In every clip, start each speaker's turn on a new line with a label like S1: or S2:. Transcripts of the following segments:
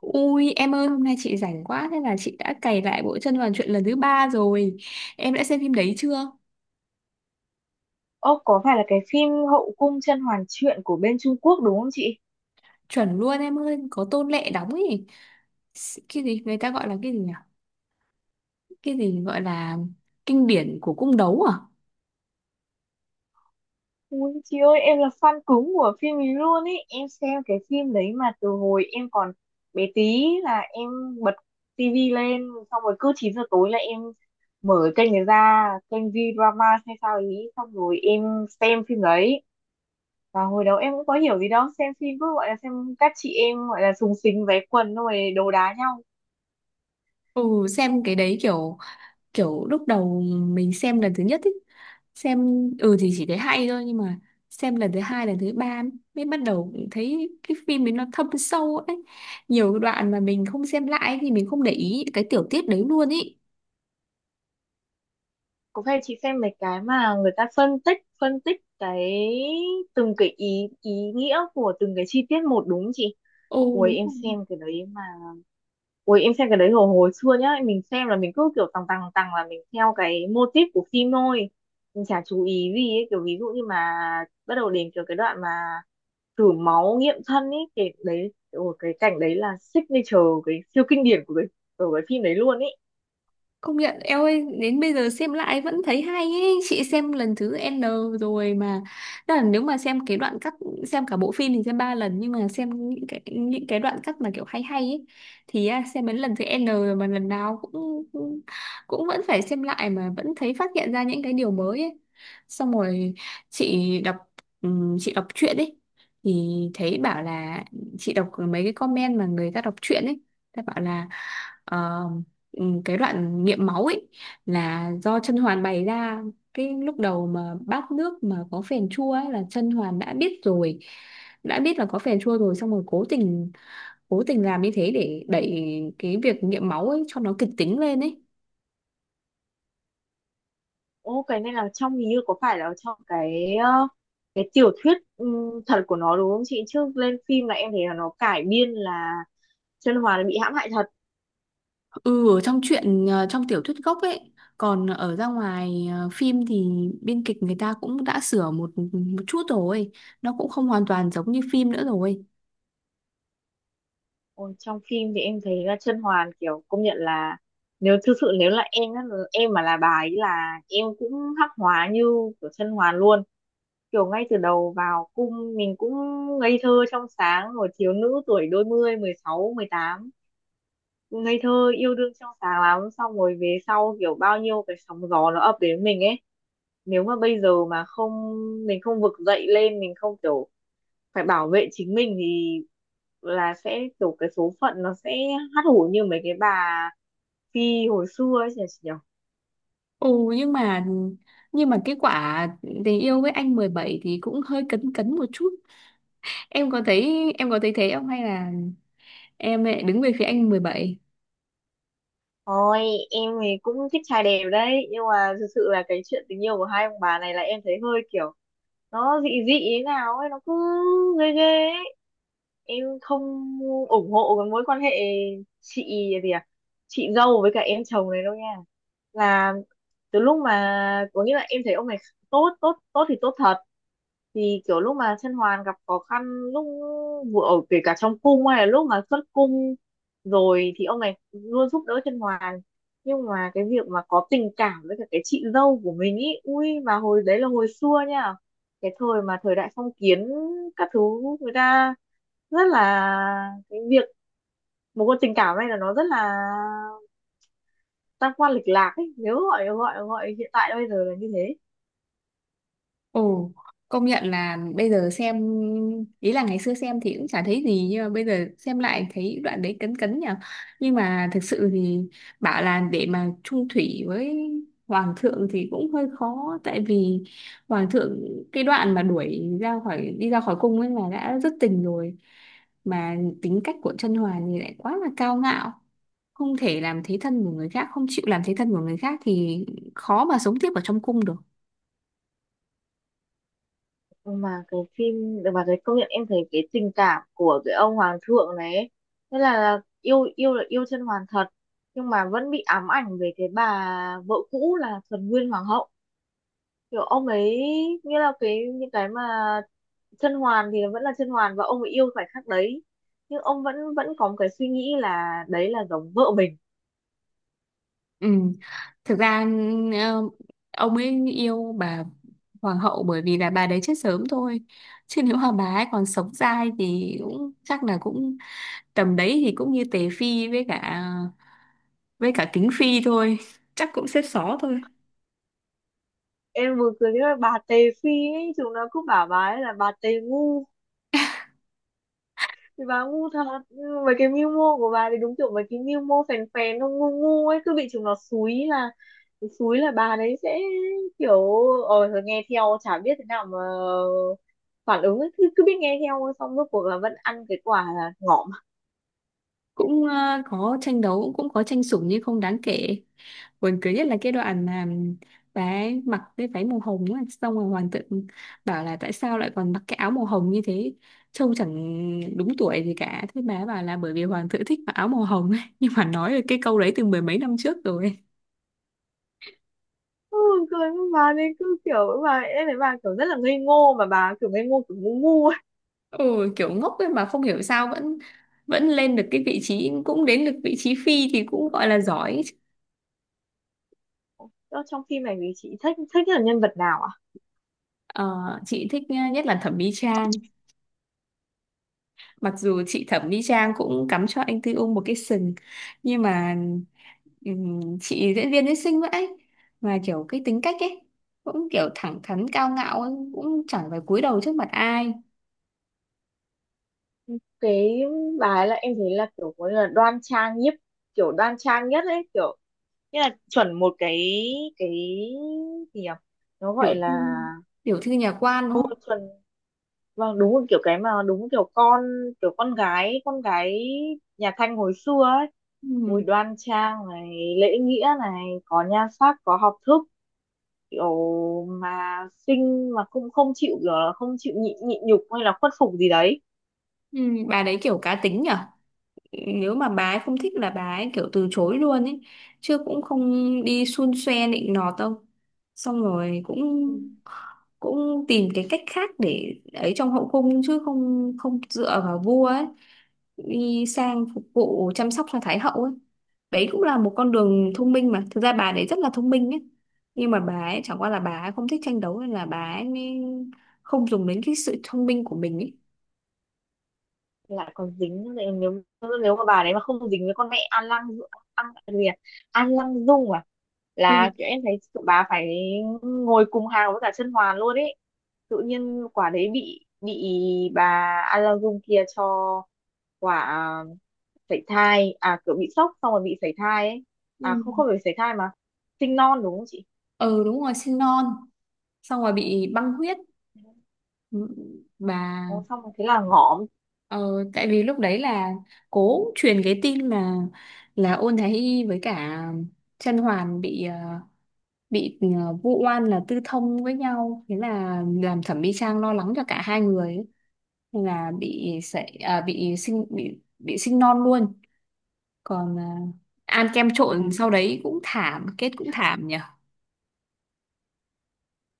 S1: Ui em ơi, hôm nay chị rảnh quá. Thế là chị đã cày lại bộ Chân Đoàn Chuyện lần thứ ba rồi. Em đã xem phim đấy chưa?
S2: Ơ có phải là cái phim Hậu cung甄嬛truyện của bên Trung Quốc đúng không chị?
S1: Chuẩn luôn em ơi, có Tôn Lệ đóng ấy. Cái gì người ta gọi là cái gì nhỉ? Cái gì gọi là kinh điển của cung đấu à?
S2: Ui chị ơi, em là fan cứng của phim ấy luôn ý. Em xem cái phim đấy mà từ hồi em còn bé tí là em bật tivi lên. Xong rồi cứ 9 giờ tối là em mở kênh này ra, kênh V-drama hay sao ý. Xong rồi em xem phim đấy. Và hồi đó em cũng có hiểu gì đâu, xem phim cứ gọi là xem, các chị em gọi là súng xính váy quần, xong rồi đồ đá nhau.
S1: Ừ, xem cái đấy kiểu. Kiểu lúc đầu mình xem lần thứ nhất ấy, xem, ừ thì chỉ thấy hay thôi. Nhưng mà xem lần thứ hai, lần thứ ba mới bắt đầu cũng thấy cái phim ấy nó thâm sâu ấy. Nhiều đoạn mà mình không xem lại thì mình không để ý cái tiểu tiết đấy luôn ý.
S2: Cũng hay, chị xem mấy cái mà người ta phân tích cái từng cái ý ý nghĩa của từng cái chi tiết một đúng không chị?
S1: Ồ,
S2: Ui
S1: đúng
S2: em
S1: rồi.
S2: xem cái đấy mà, ui em xem cái đấy hồi hồi xưa nhá, mình xem là mình cứ kiểu tằng tằng tằng là mình theo cái mô típ của phim thôi, mình chả chú ý gì ấy. Kiểu ví dụ như mà bắt đầu đến kiểu cái đoạn mà thử máu nghiệm thân ấy, cái đấy ôi, cái cảnh đấy là signature, cái siêu kinh điển của cái phim đấy luôn ý.
S1: Công nhận, eo ơi, đến bây giờ xem lại vẫn thấy hay ấy. Chị xem lần thứ N rồi mà. Tức là nếu mà xem cái đoạn cắt, xem cả bộ phim thì xem ba lần, nhưng mà xem những cái đoạn cắt mà kiểu hay hay ấy thì xem đến lần thứ N rồi mà lần nào cũng cũng cũng vẫn phải xem lại mà vẫn thấy phát hiện ra những cái điều mới ấy. Xong rồi chị đọc, chị đọc truyện ấy thì thấy bảo là, chị đọc mấy cái comment mà người ta đọc truyện ấy, ta bảo là ờ, cái đoạn nghiệm máu ấy là do Chân Hoàn bày ra. Cái lúc đầu mà bát nước mà có phèn chua ấy là Chân Hoàn đã biết rồi, đã biết là có phèn chua rồi, xong rồi cố tình làm như thế để đẩy cái việc nghiệm máu ấy cho nó kịch tính lên ấy.
S2: Ô cái này là trong hình như có phải là trong cái cái tiểu thuyết thật của nó đúng không chị? Trước lên phim là em thấy là nó cải biên là Chân Hoàn bị hãm hại thật.
S1: Ừ, ở trong truyện, trong tiểu thuyết gốc ấy, còn ở ra ngoài phim thì biên kịch người ta cũng đã sửa một một chút rồi, nó cũng không hoàn toàn giống như phim nữa rồi.
S2: Ôi, trong phim thì em thấy là Chân Hoàn kiểu công nhận là, nếu thực sự nếu là em á, em mà là bà ấy là em cũng hắc hóa như của Chân Hoàn luôn. Kiểu ngay từ đầu vào cung mình cũng ngây thơ trong sáng rồi, thiếu nữ tuổi đôi mươi, mười sáu mười tám, ngây thơ yêu đương trong sáng lắm, xong rồi về sau kiểu bao nhiêu cái sóng gió nó ập đến mình ấy, nếu mà bây giờ mà không, mình không vực dậy lên, mình không kiểu phải bảo vệ chính mình, thì là sẽ kiểu cái số phận nó sẽ hắt hủi như mấy cái bà phi hồi xưa ấy nhỉ.
S1: Ừ, nhưng mà nhưng mà cái quả tình yêu với anh mười bảy thì cũng hơi cấn cấn một chút. Em có thấy thế không, hay là em lại đứng về phía anh mười bảy?
S2: Ôi em thì cũng thích trai đẹp đấy, nhưng mà thực sự là cái chuyện tình yêu của hai ông bà này là em thấy hơi kiểu nó dị dị thế nào ấy, nó cứ ghê ghê ấy. Em không ủng hộ cái mối quan hệ chị gì à, chị dâu với cả em chồng này đâu nha. Là từ lúc mà có nghĩa là em thấy ông này tốt tốt tốt thì tốt thật, thì kiểu lúc mà Chân Hoàn gặp khó khăn, lúc vừa ở kể cả trong cung hay là lúc mà xuất cung rồi, thì ông này luôn giúp đỡ Chân Hoàng. Nhưng mà cái việc mà có tình cảm với cả cái chị dâu của mình ý, ui mà hồi đấy là hồi xưa nha, cái thời mà thời đại phong kiến các thứ, người ta rất là cái việc một con tình cảm này là nó rất là tam quan lịch lạc ấy, nếu gọi gọi gọi hiện tại bây giờ là như thế.
S1: Ồ, công nhận là bây giờ xem, ý là ngày xưa xem thì cũng chả thấy gì, nhưng mà bây giờ xem lại thấy đoạn đấy cấn cấn nhỉ. Nhưng mà thực sự thì bảo là để mà chung thủy với hoàng thượng thì cũng hơi khó. Tại vì hoàng thượng, cái đoạn mà đuổi ra khỏi, đi ra khỏi cung ấy là đã rất tình rồi, mà tính cách của Chân Hoàn thì lại quá là cao ngạo, không thể làm thế thân của người khác, không chịu làm thế thân của người khác thì khó mà sống tiếp ở trong cung được.
S2: Mà cái phim, mà cái công nhận em thấy cái tình cảm của cái ông hoàng thượng này ấy, thế là yêu yêu là yêu Chân Hoàn thật, nhưng mà vẫn bị ám ảnh về cái bà vợ cũ là Thuần Nguyên hoàng hậu. Kiểu ông ấy như là cái những cái mà Chân Hoàn thì vẫn là Chân Hoàn, và ông ấy yêu khoảnh khắc đấy, nhưng ông vẫn vẫn có một cái suy nghĩ là đấy là giống vợ mình.
S1: Ừ. Thực ra, ờ, ông ấy yêu bà hoàng hậu bởi vì là bà đấy chết sớm thôi. Chứ nếu mà bà ấy còn sống dai thì cũng chắc là cũng tầm đấy thì cũng như Tề Phi, với cả Kính Phi thôi, chắc cũng xếp xó thôi.
S2: Em vừa cười với bà Tề Phi ấy, chúng nó cứ bảo bà ấy là bà Tề ngu, thì bà ngu thật. Nhưng mà mấy cái mưu mô của bà thì đúng kiểu mấy cái mưu mô phèn phèn nó ngu ngu ấy, cứ bị chúng nó xúi là, xúi là bà đấy sẽ kiểu thôi nghe theo chả biết thế nào mà phản ứng ấy. Cứ biết nghe theo thôi, xong rốt cuộc là vẫn ăn cái quả là ngọm.
S1: Cũng có tranh đấu, cũng có tranh sủng nhưng không đáng kể. Buồn cười nhất là cái đoạn mà bà ấy mặc cái váy màu hồng á, xong rồi hoàng tự bảo là tại sao lại còn mặc cái áo màu hồng như thế, trông chẳng đúng tuổi gì cả. Thế bà ấy bảo là bởi vì hoàng tự thích mặc áo màu hồng ấy. Nhưng mà nói được cái câu đấy từ mười mấy năm trước rồi.
S2: Ừ, cười với bà, nên cứ kiểu bà em thấy bà kiểu rất là ngây ngô, mà bà kiểu ngây ngô kiểu ngu ngu ấy.
S1: Ừ, kiểu ngốc ấy mà không hiểu sao vẫn vẫn lên được cái vị trí, cũng đến được vị trí phi thì cũng gọi là giỏi.
S2: Đó, trong phim này thì chị thích thích là nhân vật nào à?
S1: Ờ, chị thích, nhất là Thẩm Mỹ Trang. Mặc dù chị Thẩm Mỹ Trang cũng cắm cho anh Tư Ung một cái sừng, nhưng mà chị diễn viên ấy xinh vậy mà kiểu cái tính cách ấy cũng kiểu thẳng thắn, cao ngạo ấy, cũng chẳng phải cúi đầu trước mặt ai.
S2: Cái bà ấy là em thấy là kiểu có là đoan trang nhất, kiểu đoan trang nhất ấy, kiểu nghĩa là chuẩn một cái gì nhỉ, nó
S1: tiểu
S2: gọi
S1: thư
S2: là,
S1: tiểu thư nhà quan đúng không?
S2: chuẩn. Vâng, đúng một kiểu cái mà, đúng một kiểu con, kiểu con gái nhà Thanh hồi xưa ấy. Bùi
S1: Ừm,
S2: đoan trang này, lễ nghĩa này, có nhan sắc, có học thức, kiểu mà xinh mà cũng không chịu kiểu là không chịu nhịn nhịn nhục hay là khuất phục gì đấy.
S1: bà đấy kiểu cá tính nhở. Nếu mà bà ấy không thích là bà ấy kiểu từ chối luôn ấy, chứ cũng không đi xun xoe nịnh nọt đâu. Xong rồi cũng cũng tìm cái cách khác để ấy trong hậu cung, chứ không không dựa vào vua ấy, đi sang phục vụ chăm sóc cho thái hậu ấy. Đấy cũng là một con đường thông minh, mà thực ra bà đấy rất là thông minh ấy. Nhưng mà bà ấy chẳng qua là bà ấy không thích tranh đấu nên là bà ấy mới không dùng đến cái sự thông minh của mình ấy.
S2: Lại còn dính nữa. Nếu nếu mà bà đấy mà không dính với con mẹ An Lăng, An gì à, An Lăng Dung à,
S1: ừ
S2: là kiểu em thấy tụi bà phải ngồi cùng hàng với cả Chân Hoàn luôn ấy. Tự nhiên quả đấy bị bà An Lăng Dung kia cho quả sảy thai à, kiểu bị sốc xong rồi bị sảy thai ấy. À không,
S1: ừ
S2: không phải sảy thai mà sinh non đúng không chị?
S1: ừ, đúng rồi, sinh non xong rồi bị băng huyết. Ừ, bà.
S2: Nó xong rồi thế là ngõm.
S1: Ờ, tại vì lúc đấy là cố truyền cái tin mà là Ôn Thái Y với cả Chân Hoàn bị vu oan là tư thông với nhau, thế là làm Thẩm Mỹ Trang lo lắng cho cả hai người ấy. Nên là bị sảy, à, bị sinh non luôn. Còn ăn kem trộn sau đấy cũng thảm, kết cũng thảm nhỉ.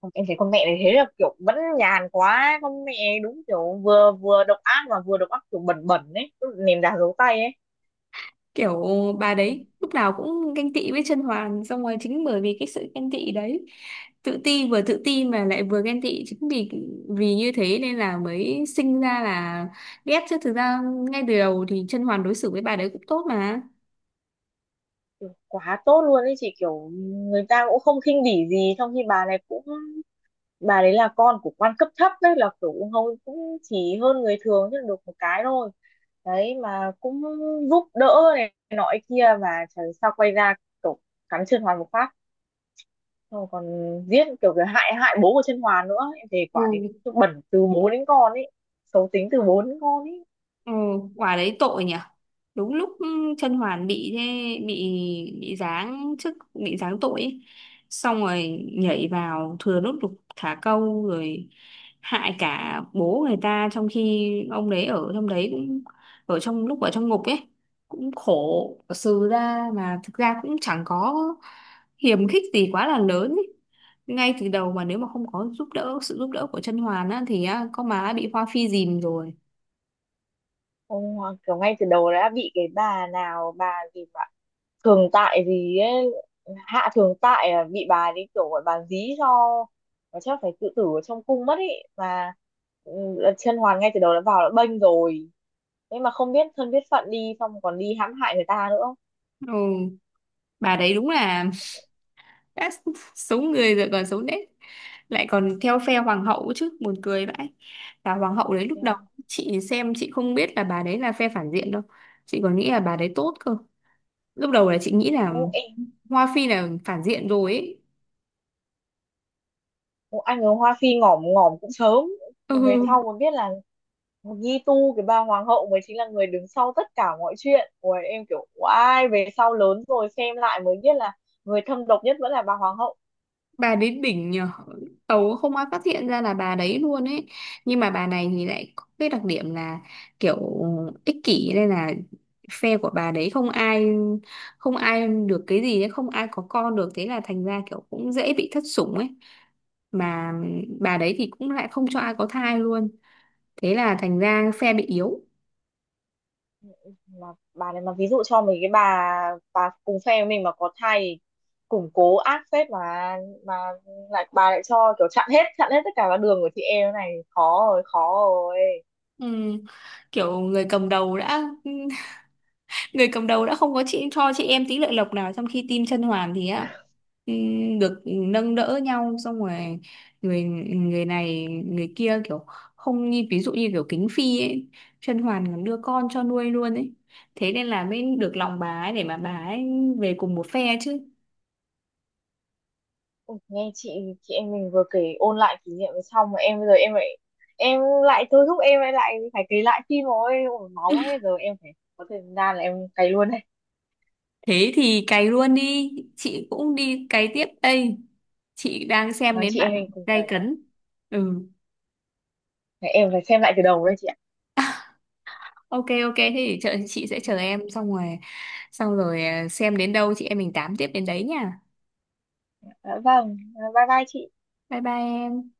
S2: Không, em thấy con mẹ này thế là kiểu vẫn nhàn quá con mẹ, đúng kiểu vừa vừa độc ác, mà vừa độc ác kiểu bẩn bẩn ấy, kiểu ném đá giấu tay ấy.
S1: Kiểu bà
S2: Ừ,
S1: đấy lúc nào cũng ganh tị với Chân Hoàn, xong rồi chính bởi vì cái sự ganh tị đấy, tự ti, vừa tự ti mà lại vừa ghen tị, chính vì vì như thế nên là mới sinh ra là ghét. Chứ thực ra ngay từ đầu thì Chân Hoàn đối xử với bà đấy cũng tốt mà.
S2: kiểu quá tốt luôn ấy chị, kiểu người ta cũng không khinh bỉ gì, trong khi bà này cũng, bà đấy là con của quan cấp thấp đấy, là kiểu cũng hầu cũng chỉ hơn người thường chứ được một cái thôi, đấy mà cũng giúp đỡ này nọ kia, mà trời sao quay ra kiểu cắn Chân Hoàn một phát. Xong còn giết kiểu cái hại hại bố của Chân Hoàn nữa, em thề quả đến
S1: Ừ.
S2: bẩn từ bố đến con ấy, xấu tính từ bố đến con ấy.
S1: Ừ, quả đấy tội nhỉ. Đúng lúc Chân Hoàn bị thế, bị bị giáng chức, bị giáng tội ấy. Xong rồi nhảy vào thừa nước đục thả câu rồi hại cả bố người ta, trong khi ông đấy ở trong đấy cũng ở trong lúc ở trong ngục ấy cũng khổ sừ ra, mà thực ra cũng chẳng có hiềm khích gì quá là lớn ấy. Ngay từ đầu mà nếu mà không có giúp đỡ, sự giúp đỡ của Chân Hoàn á thì á, con má đã bị Hoa Phi dìm rồi.
S2: Ông kiểu ngay từ đầu đã bị cái bà nào bà gì mà thường tại gì ấy, hạ thường tại à, bị bà đi kiểu gọi bà dí cho, và chắc phải tự tử ở trong cung mất ấy mà. Ừ, Chân Hoàn ngay từ đầu đã vào đã bênh rồi, thế mà không biết thân biết phận đi xong còn đi hãm hại người ta nữa.
S1: Ừ, bà đấy đúng là đã xấu người rồi còn xấu nết, lại còn theo phe hoàng hậu chứ, buồn cười vãi. Và hoàng hậu đấy, lúc đầu
S2: Eo,
S1: chị xem chị không biết là bà đấy là phe phản diện đâu, chị còn nghĩ là bà đấy tốt cơ. Lúc đầu là chị nghĩ là
S2: ô, em.
S1: Hoa Phi là phản diện rồi ấy.
S2: Ủa, anh ở Hoa Phi ngỏm ngỏm cũng sớm. Về
S1: Ừ,
S2: sau mới biết là Nhi Tu, cái bà hoàng hậu mới chính là người đứng sau tất cả mọi chuyện. Ủa, em kiểu oai, về sau lớn rồi xem lại mới biết là người thâm độc nhất vẫn là bà hoàng hậu.
S1: bà đến đỉnh nhờ, tàu không ai phát hiện ra là bà đấy luôn ấy. Nhưng mà bà này thì lại có cái đặc điểm là kiểu ích kỷ, nên là phe của bà đấy không ai được cái gì ấy, không ai có con được, thế là thành ra kiểu cũng dễ bị thất sủng ấy. Mà bà đấy thì cũng lại không cho ai có thai luôn, thế là thành ra phe bị yếu.
S2: Mà bà này mà ví dụ cho mình cái bà cùng phe với mình mà có thai thì củng cố ác phết, mà lại bà lại cho kiểu chặn hết tất cả các đường của chị em này, khó rồi, khó rồi.
S1: Ừ. Kiểu người cầm đầu đã không có chị cho chị em tí lợi lộc nào, trong khi team Chân Hoàn thì á, được nâng đỡ nhau. Xong rồi người người này, người kia, kiểu không như ví dụ như kiểu Kính Phi ấy, Chân Hoàn còn đưa con cho nuôi luôn ấy, thế nên là mới được lòng bà ấy để mà bà ấy về cùng một phe chứ.
S2: Ôi, nghe chị em mình vừa kể ôn lại kỷ niệm xong mà em bây giờ em lại, em lại thôi thúc em lại lại phải kể lại phim rồi. Ôi máu ấy, giờ em phải có thời gian là em cày luôn đây.
S1: Thế thì cày luôn đi, chị cũng đi cày tiếp đây. Chị đang xem
S2: Mang
S1: đến
S2: chị
S1: bạn
S2: em mình cùng
S1: gay
S2: cày.
S1: cấn. Ừ.
S2: Để em phải xem lại từ đầu đây chị ạ.
S1: OK, OK, thế thì chờ, chị sẽ chờ em. Xem đến đâu chị em mình tám tiếp đến đấy nha.
S2: Dạ vâng, bye bye chị.
S1: Bye bye em.